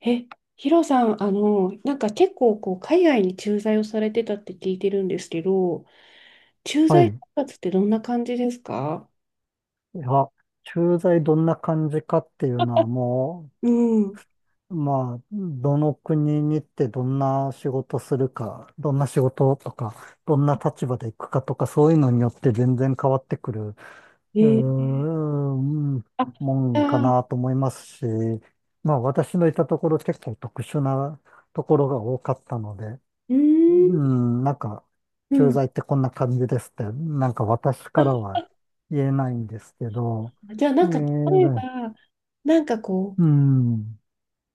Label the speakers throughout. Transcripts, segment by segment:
Speaker 1: え、ヒロさん、なんか結構こう海外に駐在をされてたって聞いてるんですけど、駐
Speaker 2: は
Speaker 1: 在
Speaker 2: い。
Speaker 1: 生活ってどんな感じですか？
Speaker 2: いや、駐在どんな感じかっていうのはも
Speaker 1: うん。
Speaker 2: う、まあ、どの国に行ってどんな仕事するか、どんな仕事とか、どんな立場で行くかとか、そういうのによって全然変わってくる、うー
Speaker 1: えー、
Speaker 2: ん、
Speaker 1: あ、
Speaker 2: も
Speaker 1: じ
Speaker 2: ん
Speaker 1: ゃ
Speaker 2: か
Speaker 1: あ、う
Speaker 2: なと思いますし、まあ私のいたところ結構特殊なところが多かったので、
Speaker 1: ー
Speaker 2: う
Speaker 1: ん、
Speaker 2: ん、なんか、
Speaker 1: う
Speaker 2: 駐
Speaker 1: ん。
Speaker 2: 在ってこんな感じですって、なんか私からは言えないんですけど、
Speaker 1: じゃあ
Speaker 2: え
Speaker 1: なんか例えば、
Speaker 2: ー、
Speaker 1: なんかこう、
Speaker 2: うん、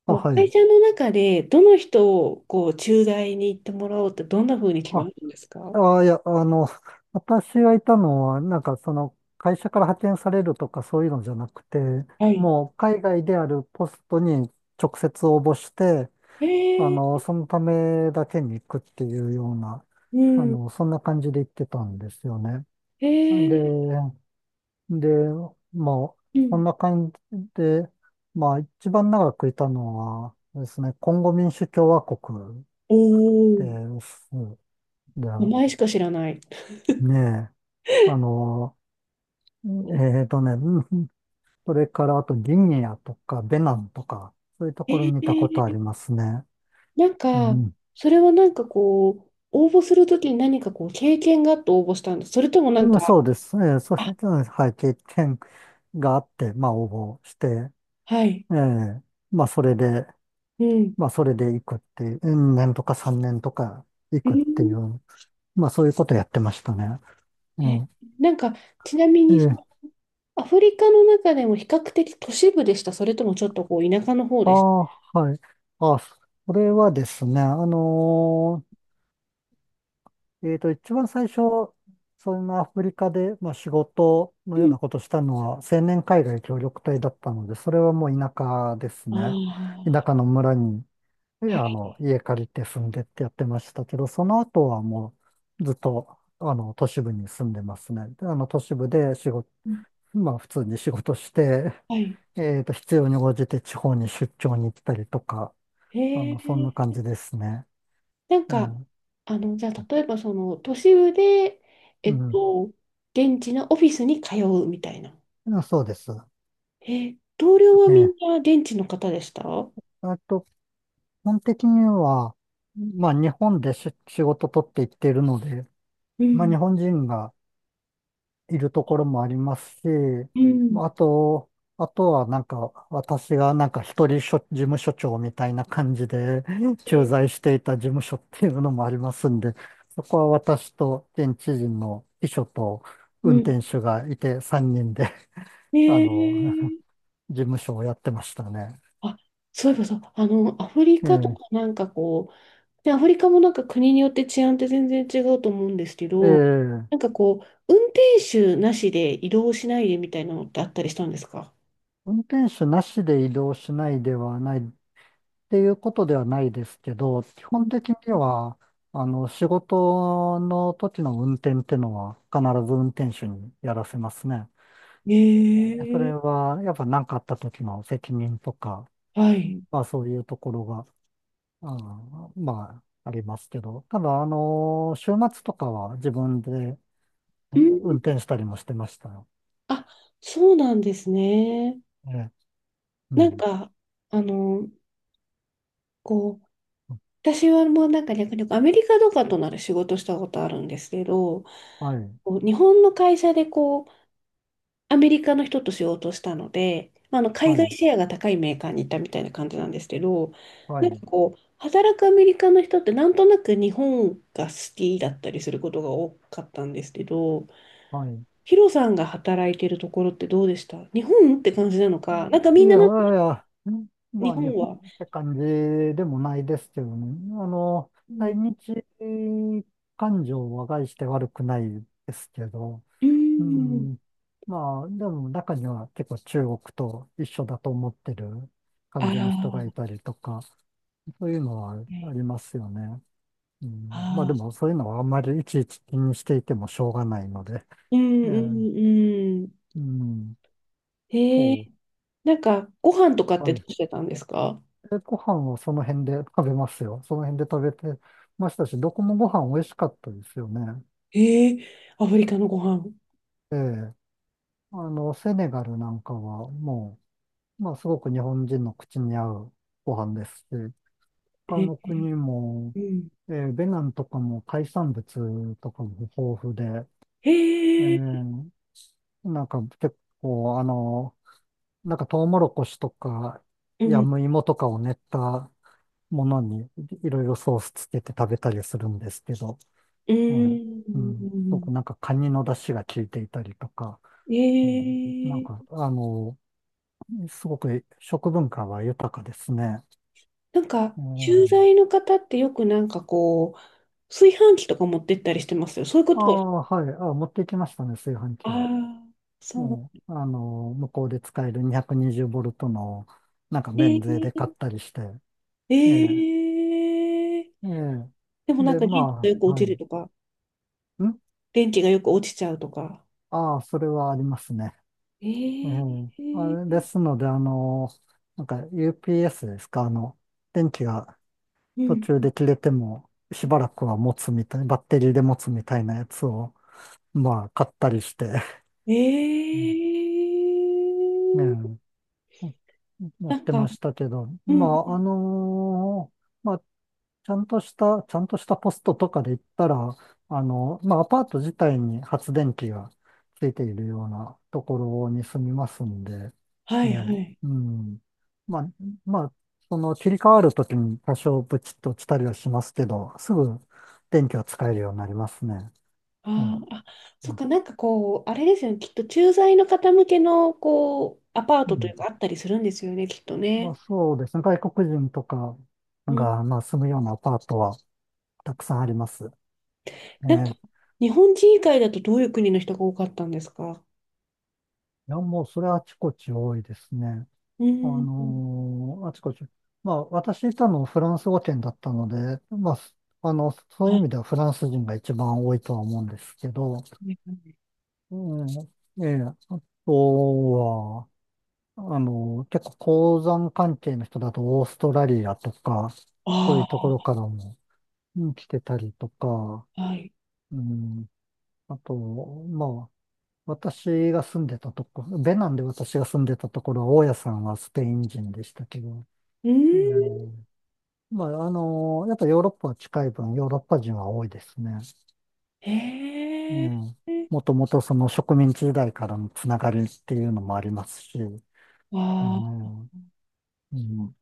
Speaker 2: あ、
Speaker 1: こう
Speaker 2: は
Speaker 1: 会
Speaker 2: い。
Speaker 1: 社の中でどの人をこう駐在に行ってもらおうってどんな風に決ま
Speaker 2: あ、
Speaker 1: るんですか？
Speaker 2: あ、いや、あの、私がいたのは、会社から派遣されるとかそういうのじゃなくて、
Speaker 1: はい。
Speaker 2: もう海外であるポストに直接応募して、
Speaker 1: えー、
Speaker 2: そのためだけに行くっていうような、
Speaker 1: うん、
Speaker 2: そんな感じで行ってたんですよね。
Speaker 1: え
Speaker 2: で、
Speaker 1: ー、
Speaker 2: で、まあ、
Speaker 1: う
Speaker 2: そ
Speaker 1: ん。
Speaker 2: んな感じで、まあ、一番長くいたのはですね、コンゴ民主共和国
Speaker 1: お
Speaker 2: で
Speaker 1: ー、
Speaker 2: す。で、
Speaker 1: 名前しか知らない。
Speaker 2: ねえ、あの、えうんそれからあとギニアとかベナンとか、そういうと
Speaker 1: え
Speaker 2: ころにいたことあ
Speaker 1: ー
Speaker 2: りますね。
Speaker 1: なん
Speaker 2: う
Speaker 1: か、
Speaker 2: ん。
Speaker 1: それはなんかこう、応募するときに何かこう、経験があって応募したんです。それともなん
Speaker 2: うん
Speaker 1: か、
Speaker 2: そうです。そうい
Speaker 1: あ、
Speaker 2: う、うんはい、経験があって、まあ、応募して、
Speaker 1: はい、
Speaker 2: ええまあ、それで、
Speaker 1: うん。
Speaker 2: まあ、それで行くっていう、うん年とか3年とか行
Speaker 1: う
Speaker 2: くっ
Speaker 1: ん、
Speaker 2: ていう、まあ、そういうことやってましたね。う
Speaker 1: え、
Speaker 2: ん。
Speaker 1: なんか、ちなみにその、
Speaker 2: え
Speaker 1: アフリカの中でも比較的都市部でした？それともちょっとこう、田舎の方
Speaker 2: あ
Speaker 1: でした？
Speaker 2: あ、ーはい。あ、それはですね、一番最初、そんなアフリカで、まあ、仕事の
Speaker 1: う
Speaker 2: よう
Speaker 1: ん。
Speaker 2: なことしたのは、青年海外協力隊だったので、それはもう田舎です
Speaker 1: あ
Speaker 2: ね。田
Speaker 1: あ、
Speaker 2: 舎の村にええ、
Speaker 1: はい。
Speaker 2: 家借りて住んでってやってましたけど、その後はもうずっと、都市部に住んでますね。で都市部で仕事、
Speaker 1: うん
Speaker 2: まあ、普通に仕事して、
Speaker 1: はい。
Speaker 2: 必要に応じて地方に出張に行ったりとか、
Speaker 1: へえ、
Speaker 2: そんな感じですね。
Speaker 1: なん
Speaker 2: ええ、
Speaker 1: か、
Speaker 2: う
Speaker 1: じゃあ、例えばその、都市部で、えっ
Speaker 2: ん。
Speaker 1: と、現地のオフィスに通うみたいな。
Speaker 2: うんそうです。
Speaker 1: 同僚は
Speaker 2: え
Speaker 1: みん
Speaker 2: え。
Speaker 1: な現地の方でした？
Speaker 2: あと、基本的には、まあ、日本でし仕事取っていっているので、
Speaker 1: う
Speaker 2: まあ、
Speaker 1: ん、
Speaker 2: 日本人が、いるところもありますし、
Speaker 1: うん、
Speaker 2: まあと、あとはなんか、私がなんか一人所事務所長みたいな感じで駐
Speaker 1: え
Speaker 2: 在していた事務所っていうのもありますんで、そこは私と現地人の秘書と運
Speaker 1: う
Speaker 2: 転手がいて3人で
Speaker 1: ん、
Speaker 2: あの、事務所をやってましたね。
Speaker 1: あ、そういえばさ、アフリ
Speaker 2: え
Speaker 1: カと
Speaker 2: え、
Speaker 1: かなんかこう、で、アフリカもなんか国によって治安って全然違うと思うんですけ
Speaker 2: え
Speaker 1: ど、
Speaker 2: え、
Speaker 1: なんかこう、運転手なしで移動しないでみたいなのってあったりしたんですか？
Speaker 2: 運転手なしで移動しないではないっていうことではないですけど、基
Speaker 1: う
Speaker 2: 本
Speaker 1: ん
Speaker 2: 的には、仕事の時の運転ってのは必ず運転手にやらせますね。それ
Speaker 1: ええ
Speaker 2: は、やっぱ何かあった時の責任とか、
Speaker 1: はい。
Speaker 2: まあそういうところが、あーまあありますけど、ただ、週末とかは自分で
Speaker 1: う
Speaker 2: 運
Speaker 1: ん、
Speaker 2: 転したりもしてましたよ。
Speaker 1: あ、そうなんですね。
Speaker 2: ええう
Speaker 1: なん
Speaker 2: ん。
Speaker 1: か、あの、こう、私はもうなんか逆にアメリカとかとなら仕事したことあるんですけど、
Speaker 2: はい、
Speaker 1: こう日本の会社でこう、アメリカの人としようとしたので、まあ、あの海
Speaker 2: は
Speaker 1: 外
Speaker 2: い、
Speaker 1: シェアが高いメーカーに行ったみたいな感じなんですけど、
Speaker 2: は
Speaker 1: なん
Speaker 2: い、
Speaker 1: かこう、働くアメリカの人ってなんとなく日本が好きだったりすることが多かったんですけど、
Speaker 2: はい。
Speaker 1: ヒロさんが働いてるところってどうでした、日本って感じなのか、なんか
Speaker 2: い
Speaker 1: み
Speaker 2: や
Speaker 1: ん
Speaker 2: いや
Speaker 1: ななんか
Speaker 2: いや、うんま
Speaker 1: 日
Speaker 2: あ日
Speaker 1: 本
Speaker 2: 本
Speaker 1: は、
Speaker 2: って感じでもないですけどね。あの、
Speaker 1: う
Speaker 2: 対
Speaker 1: ん、
Speaker 2: 日感情は概して悪くないですけど、
Speaker 1: うー
Speaker 2: う
Speaker 1: ん、
Speaker 2: ん、まあでも中には結構中国と一緒だと思ってる感
Speaker 1: あ
Speaker 2: じ
Speaker 1: ら、
Speaker 2: の人
Speaker 1: は
Speaker 2: がいたりとか、そういうのは
Speaker 1: い
Speaker 2: ありますよね。うん、まあで
Speaker 1: あ
Speaker 2: もそういうのはあんまりいちいち気にしていてもしょうがないので、
Speaker 1: ー、うん、
Speaker 2: え
Speaker 1: う
Speaker 2: え
Speaker 1: ん、うん。
Speaker 2: うん、そ
Speaker 1: へえ、なんかご飯とかって
Speaker 2: は
Speaker 1: ど
Speaker 2: い
Speaker 1: うしてたんですか？
Speaker 2: でご飯はその辺で食べますよ。その辺で食べてましたし、どこもご飯美味しかったですよね。
Speaker 1: えー、アフリカのご飯。
Speaker 2: ええ。セネガルなんかはもう、まあ、すごく日本人の口に合うご飯ですし、
Speaker 1: え
Speaker 2: 他
Speaker 1: ー、
Speaker 2: の国も、
Speaker 1: うん。
Speaker 2: えーベナンとかも海産物とかも豊富で、え
Speaker 1: えー、
Speaker 2: ーなんか結構、あの、なんかトウモロコシとか、
Speaker 1: う
Speaker 2: ヤ
Speaker 1: ん。
Speaker 2: ムイモとかを練ったものにいろいろソースつけて食べたりするんですけど、
Speaker 1: う
Speaker 2: ええ、うん、すご
Speaker 1: ん。
Speaker 2: くなんかカニの出汁が効いていたりとか、う
Speaker 1: え
Speaker 2: ん、なんか、
Speaker 1: ー、
Speaker 2: あの、すごく食文化は豊かですね。
Speaker 1: なんか、
Speaker 2: う
Speaker 1: 駐
Speaker 2: ん、
Speaker 1: 在の方ってよくなんかこう、炊飯器とか持ってったりしてますよ。そういうこ
Speaker 2: あ
Speaker 1: とは、
Speaker 2: あ、はい、あ、持ってきましたね、炊飯
Speaker 1: あ
Speaker 2: 器は。
Speaker 1: あ、そ
Speaker 2: うん、
Speaker 1: う。
Speaker 2: 向こうで使える220ボルトの、なんか
Speaker 1: え
Speaker 2: 免税で買っ
Speaker 1: ー、
Speaker 2: たりして、ええ、
Speaker 1: えー、
Speaker 2: ええ、
Speaker 1: でもなん
Speaker 2: で、
Speaker 1: か電池が
Speaker 2: ま
Speaker 1: よく
Speaker 2: あ、
Speaker 1: 落
Speaker 2: は
Speaker 1: ち
Speaker 2: い。
Speaker 1: る
Speaker 2: ん
Speaker 1: とか、電池がよく落ちちゃうとか。
Speaker 2: ああ、それはありますね。
Speaker 1: え
Speaker 2: ええ、
Speaker 1: ー、
Speaker 2: あれですので、なんか UPS ですか、電気が
Speaker 1: う
Speaker 2: 途
Speaker 1: ん。
Speaker 2: 中で切れてもしばらくは持つみたい、バッテリーで持つみたいなやつを、まあ、買ったりして、
Speaker 1: えー、
Speaker 2: うん、ええや
Speaker 1: な
Speaker 2: っ
Speaker 1: ん
Speaker 2: て
Speaker 1: か、
Speaker 2: ましたけど、
Speaker 1: う
Speaker 2: ま
Speaker 1: ん。
Speaker 2: あ、あのーまあ、ちゃんとした、ちゃんとしたポストとかで言ったら、まあ、アパート自体に発電機がついているようなところに住みますんで、
Speaker 1: はいは
Speaker 2: ね、
Speaker 1: い。
Speaker 2: うん。まあ、まあ、その切り替わるときに多少ブチッと落ちたりはしますけど、すぐ電気は使えるようになりますね。ね
Speaker 1: あーあ、
Speaker 2: う
Speaker 1: そっ
Speaker 2: ん
Speaker 1: か、なんかこう、あれですよね、きっと駐在の方向けのこうアパー
Speaker 2: う
Speaker 1: トとい
Speaker 2: ん
Speaker 1: うか、あったりするんですよね、きっと
Speaker 2: まあ、
Speaker 1: ね。
Speaker 2: そうですね。外国人とか
Speaker 1: うん、
Speaker 2: が、まあ、住むようなアパートはたくさんあります。
Speaker 1: なんか、
Speaker 2: ね。
Speaker 1: 日本人以外だとどういう国の人が多かったんですか？
Speaker 2: いや、もうそれはあちこち多いですね。
Speaker 1: う
Speaker 2: あ
Speaker 1: ん。
Speaker 2: のーあちこち。まあ、私いたのフランス語圏だったので、あの、そういう
Speaker 1: あ、
Speaker 2: 意味ではフランス人が一番多いとは思うんですけど、うん、ええ、あとは、結構鉱山関係の人だとオーストラリアとか、そういうところ
Speaker 1: あ
Speaker 2: からも、うん来てたりとか、
Speaker 1: あはい。
Speaker 2: うん、あと、まあ、私が住んでたとこ、ベナンで私が住んでたところは、大家さんはスペイン人でしたけど、
Speaker 1: う
Speaker 2: う
Speaker 1: ん。
Speaker 2: んまあ、あのーやっぱヨーロッパは近い分、ヨーロッパ人は多いですね。
Speaker 1: へ
Speaker 2: う
Speaker 1: え。
Speaker 2: ん。もともとその植民地時代からのつながりっていうのもありますし、う
Speaker 1: ああ、
Speaker 2: ん、うん、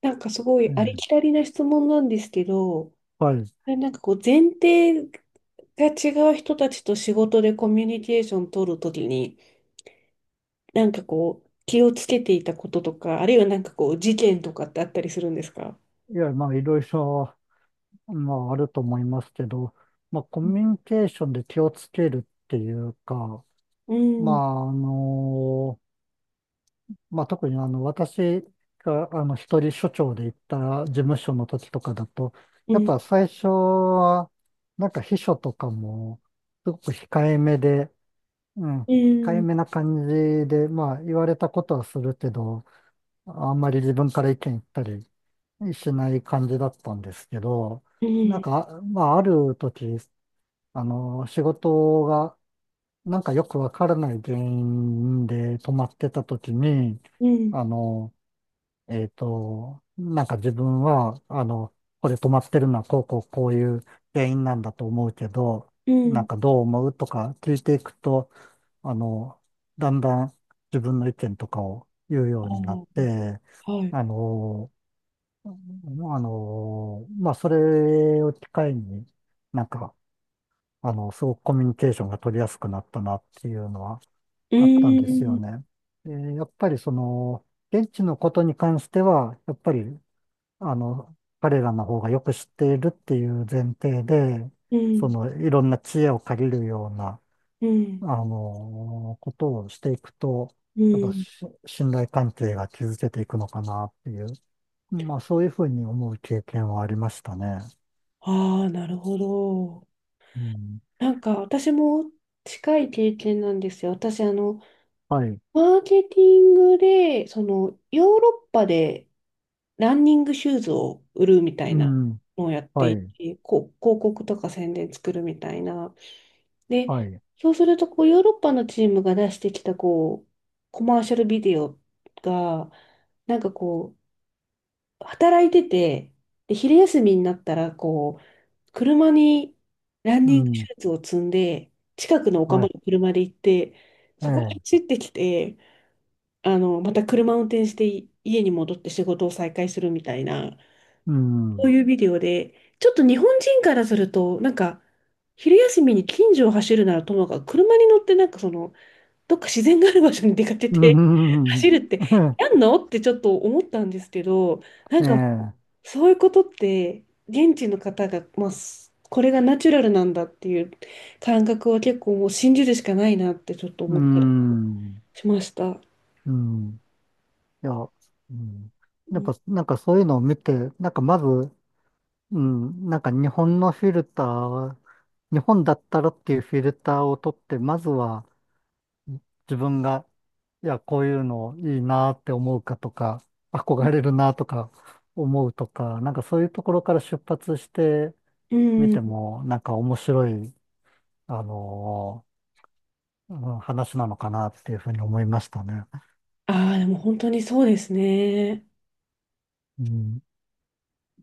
Speaker 1: なんかすごいあり
Speaker 2: え
Speaker 1: き
Speaker 2: え
Speaker 1: たりな質問なんですけど、
Speaker 2: はい。
Speaker 1: なんかこう、前提が違う人たちと仕事でコミュニケーション取るときに、なんかこう、気をつけていたこととか、あるいはなんかこう、事件とかってあったりするんですか？
Speaker 2: いや、まあ、いろいろ、まあ、あると思いますけど、まあ、コミュニケーションで気をつけるっていうか、
Speaker 1: う
Speaker 2: ま
Speaker 1: ん、
Speaker 2: あ、あのまあ、特にあの、私が、一人所長で行った事務所の時とかだと、
Speaker 1: う
Speaker 2: やっ
Speaker 1: ん、
Speaker 2: ぱ最初は、なんか秘書とかも、すごく控えめで、うん、
Speaker 1: う
Speaker 2: 控え
Speaker 1: ん、
Speaker 2: めな感じで、まあ、言われたことはするけど、あんまり自分から意見言ったりしない感じだったんですけど、
Speaker 1: う
Speaker 2: なん
Speaker 1: ん、
Speaker 2: か、まあ、ある時、仕事が、なんかよくわからない原因で止まってた時に、
Speaker 1: うん、
Speaker 2: あの、なんか自分は、これ止まってるのはこうこうこういう原因なんだと思うけど、
Speaker 1: う
Speaker 2: なん
Speaker 1: ん。
Speaker 2: かどう思うとか聞いていくと、あの、だんだん自分の意見とかを言うようになっ
Speaker 1: あ
Speaker 2: て、
Speaker 1: あ、はい。
Speaker 2: あの、まあ、それを機会に、なんか、すごくコミュニケーションが取りやすくなったなっていうのは
Speaker 1: う
Speaker 2: あったんですよ
Speaker 1: ん、
Speaker 2: ね。でやっぱりその、現地のことに関しては、やっぱり彼らの方がよく知っているっていう前提で、
Speaker 1: う
Speaker 2: そ
Speaker 1: ん、
Speaker 2: の、いろんな知恵を借りるような、
Speaker 1: うん、
Speaker 2: ことをしていくと、
Speaker 1: う
Speaker 2: やっぱ
Speaker 1: ん。
Speaker 2: し信頼関係が築けていくのかなっていう、まあそういうふうに思う経験はありましたね。
Speaker 1: ああ、なるほど。
Speaker 2: うん。
Speaker 1: なんか私も近い経験なんですよ。私、
Speaker 2: はい。
Speaker 1: マーケティングで、その、ヨーロッパでランニングシューズを売るみたい
Speaker 2: う
Speaker 1: な
Speaker 2: ん。
Speaker 1: のをやって
Speaker 2: は
Speaker 1: い
Speaker 2: い。
Speaker 1: て、こう広告とか宣伝作るみたいな。
Speaker 2: は
Speaker 1: で、
Speaker 2: い。
Speaker 1: そうするとこうヨーロッパのチームが出してきたこうコマーシャルビデオが、なんかこう、働いてて、で、昼休みになったら、こう、車にラン
Speaker 2: う
Speaker 1: ニングシ
Speaker 2: ん。
Speaker 1: ューズを積んで、近くのお
Speaker 2: は
Speaker 1: 釜
Speaker 2: い。
Speaker 1: の車で行って、
Speaker 2: え
Speaker 1: そこに走
Speaker 2: え。
Speaker 1: ってきて、また車運転して家に戻って仕事を再開するみたいな。
Speaker 2: う
Speaker 1: こう
Speaker 2: ん。
Speaker 1: いうビデオで、ちょっと日本人からすると、なんか、昼休みに近所を走るならともかく、車に乗ってなんかその、どっか自然がある場所に出かけ
Speaker 2: う
Speaker 1: て
Speaker 2: ん。
Speaker 1: 走るって、やんのってちょっと思ったんですけど、なん
Speaker 2: え
Speaker 1: か、
Speaker 2: え。
Speaker 1: そういうことって、現地の方が、まあ、これがナチュラルなんだっていう感覚は結構もう信じるしかないなってちょっと
Speaker 2: う
Speaker 1: 思って
Speaker 2: ん。
Speaker 1: しました。
Speaker 2: うん。いや、うん。
Speaker 1: う
Speaker 2: やっ
Speaker 1: ん。
Speaker 2: ぱ、なんかそういうのを見て、なんかまず、うん、なんか日本のフィルター、日本だったらっていうフィルターを取って、まずは自分が、いや、こういうのいいなって思うかとか、憧れるなとか思うとか、なんかそういうところから出発して
Speaker 1: う
Speaker 2: みて
Speaker 1: ん。
Speaker 2: も、なんか面白い、あのーうん話なのかなっていうふうに思いましたね。
Speaker 1: ああ、でも本当にそうですね。
Speaker 2: うん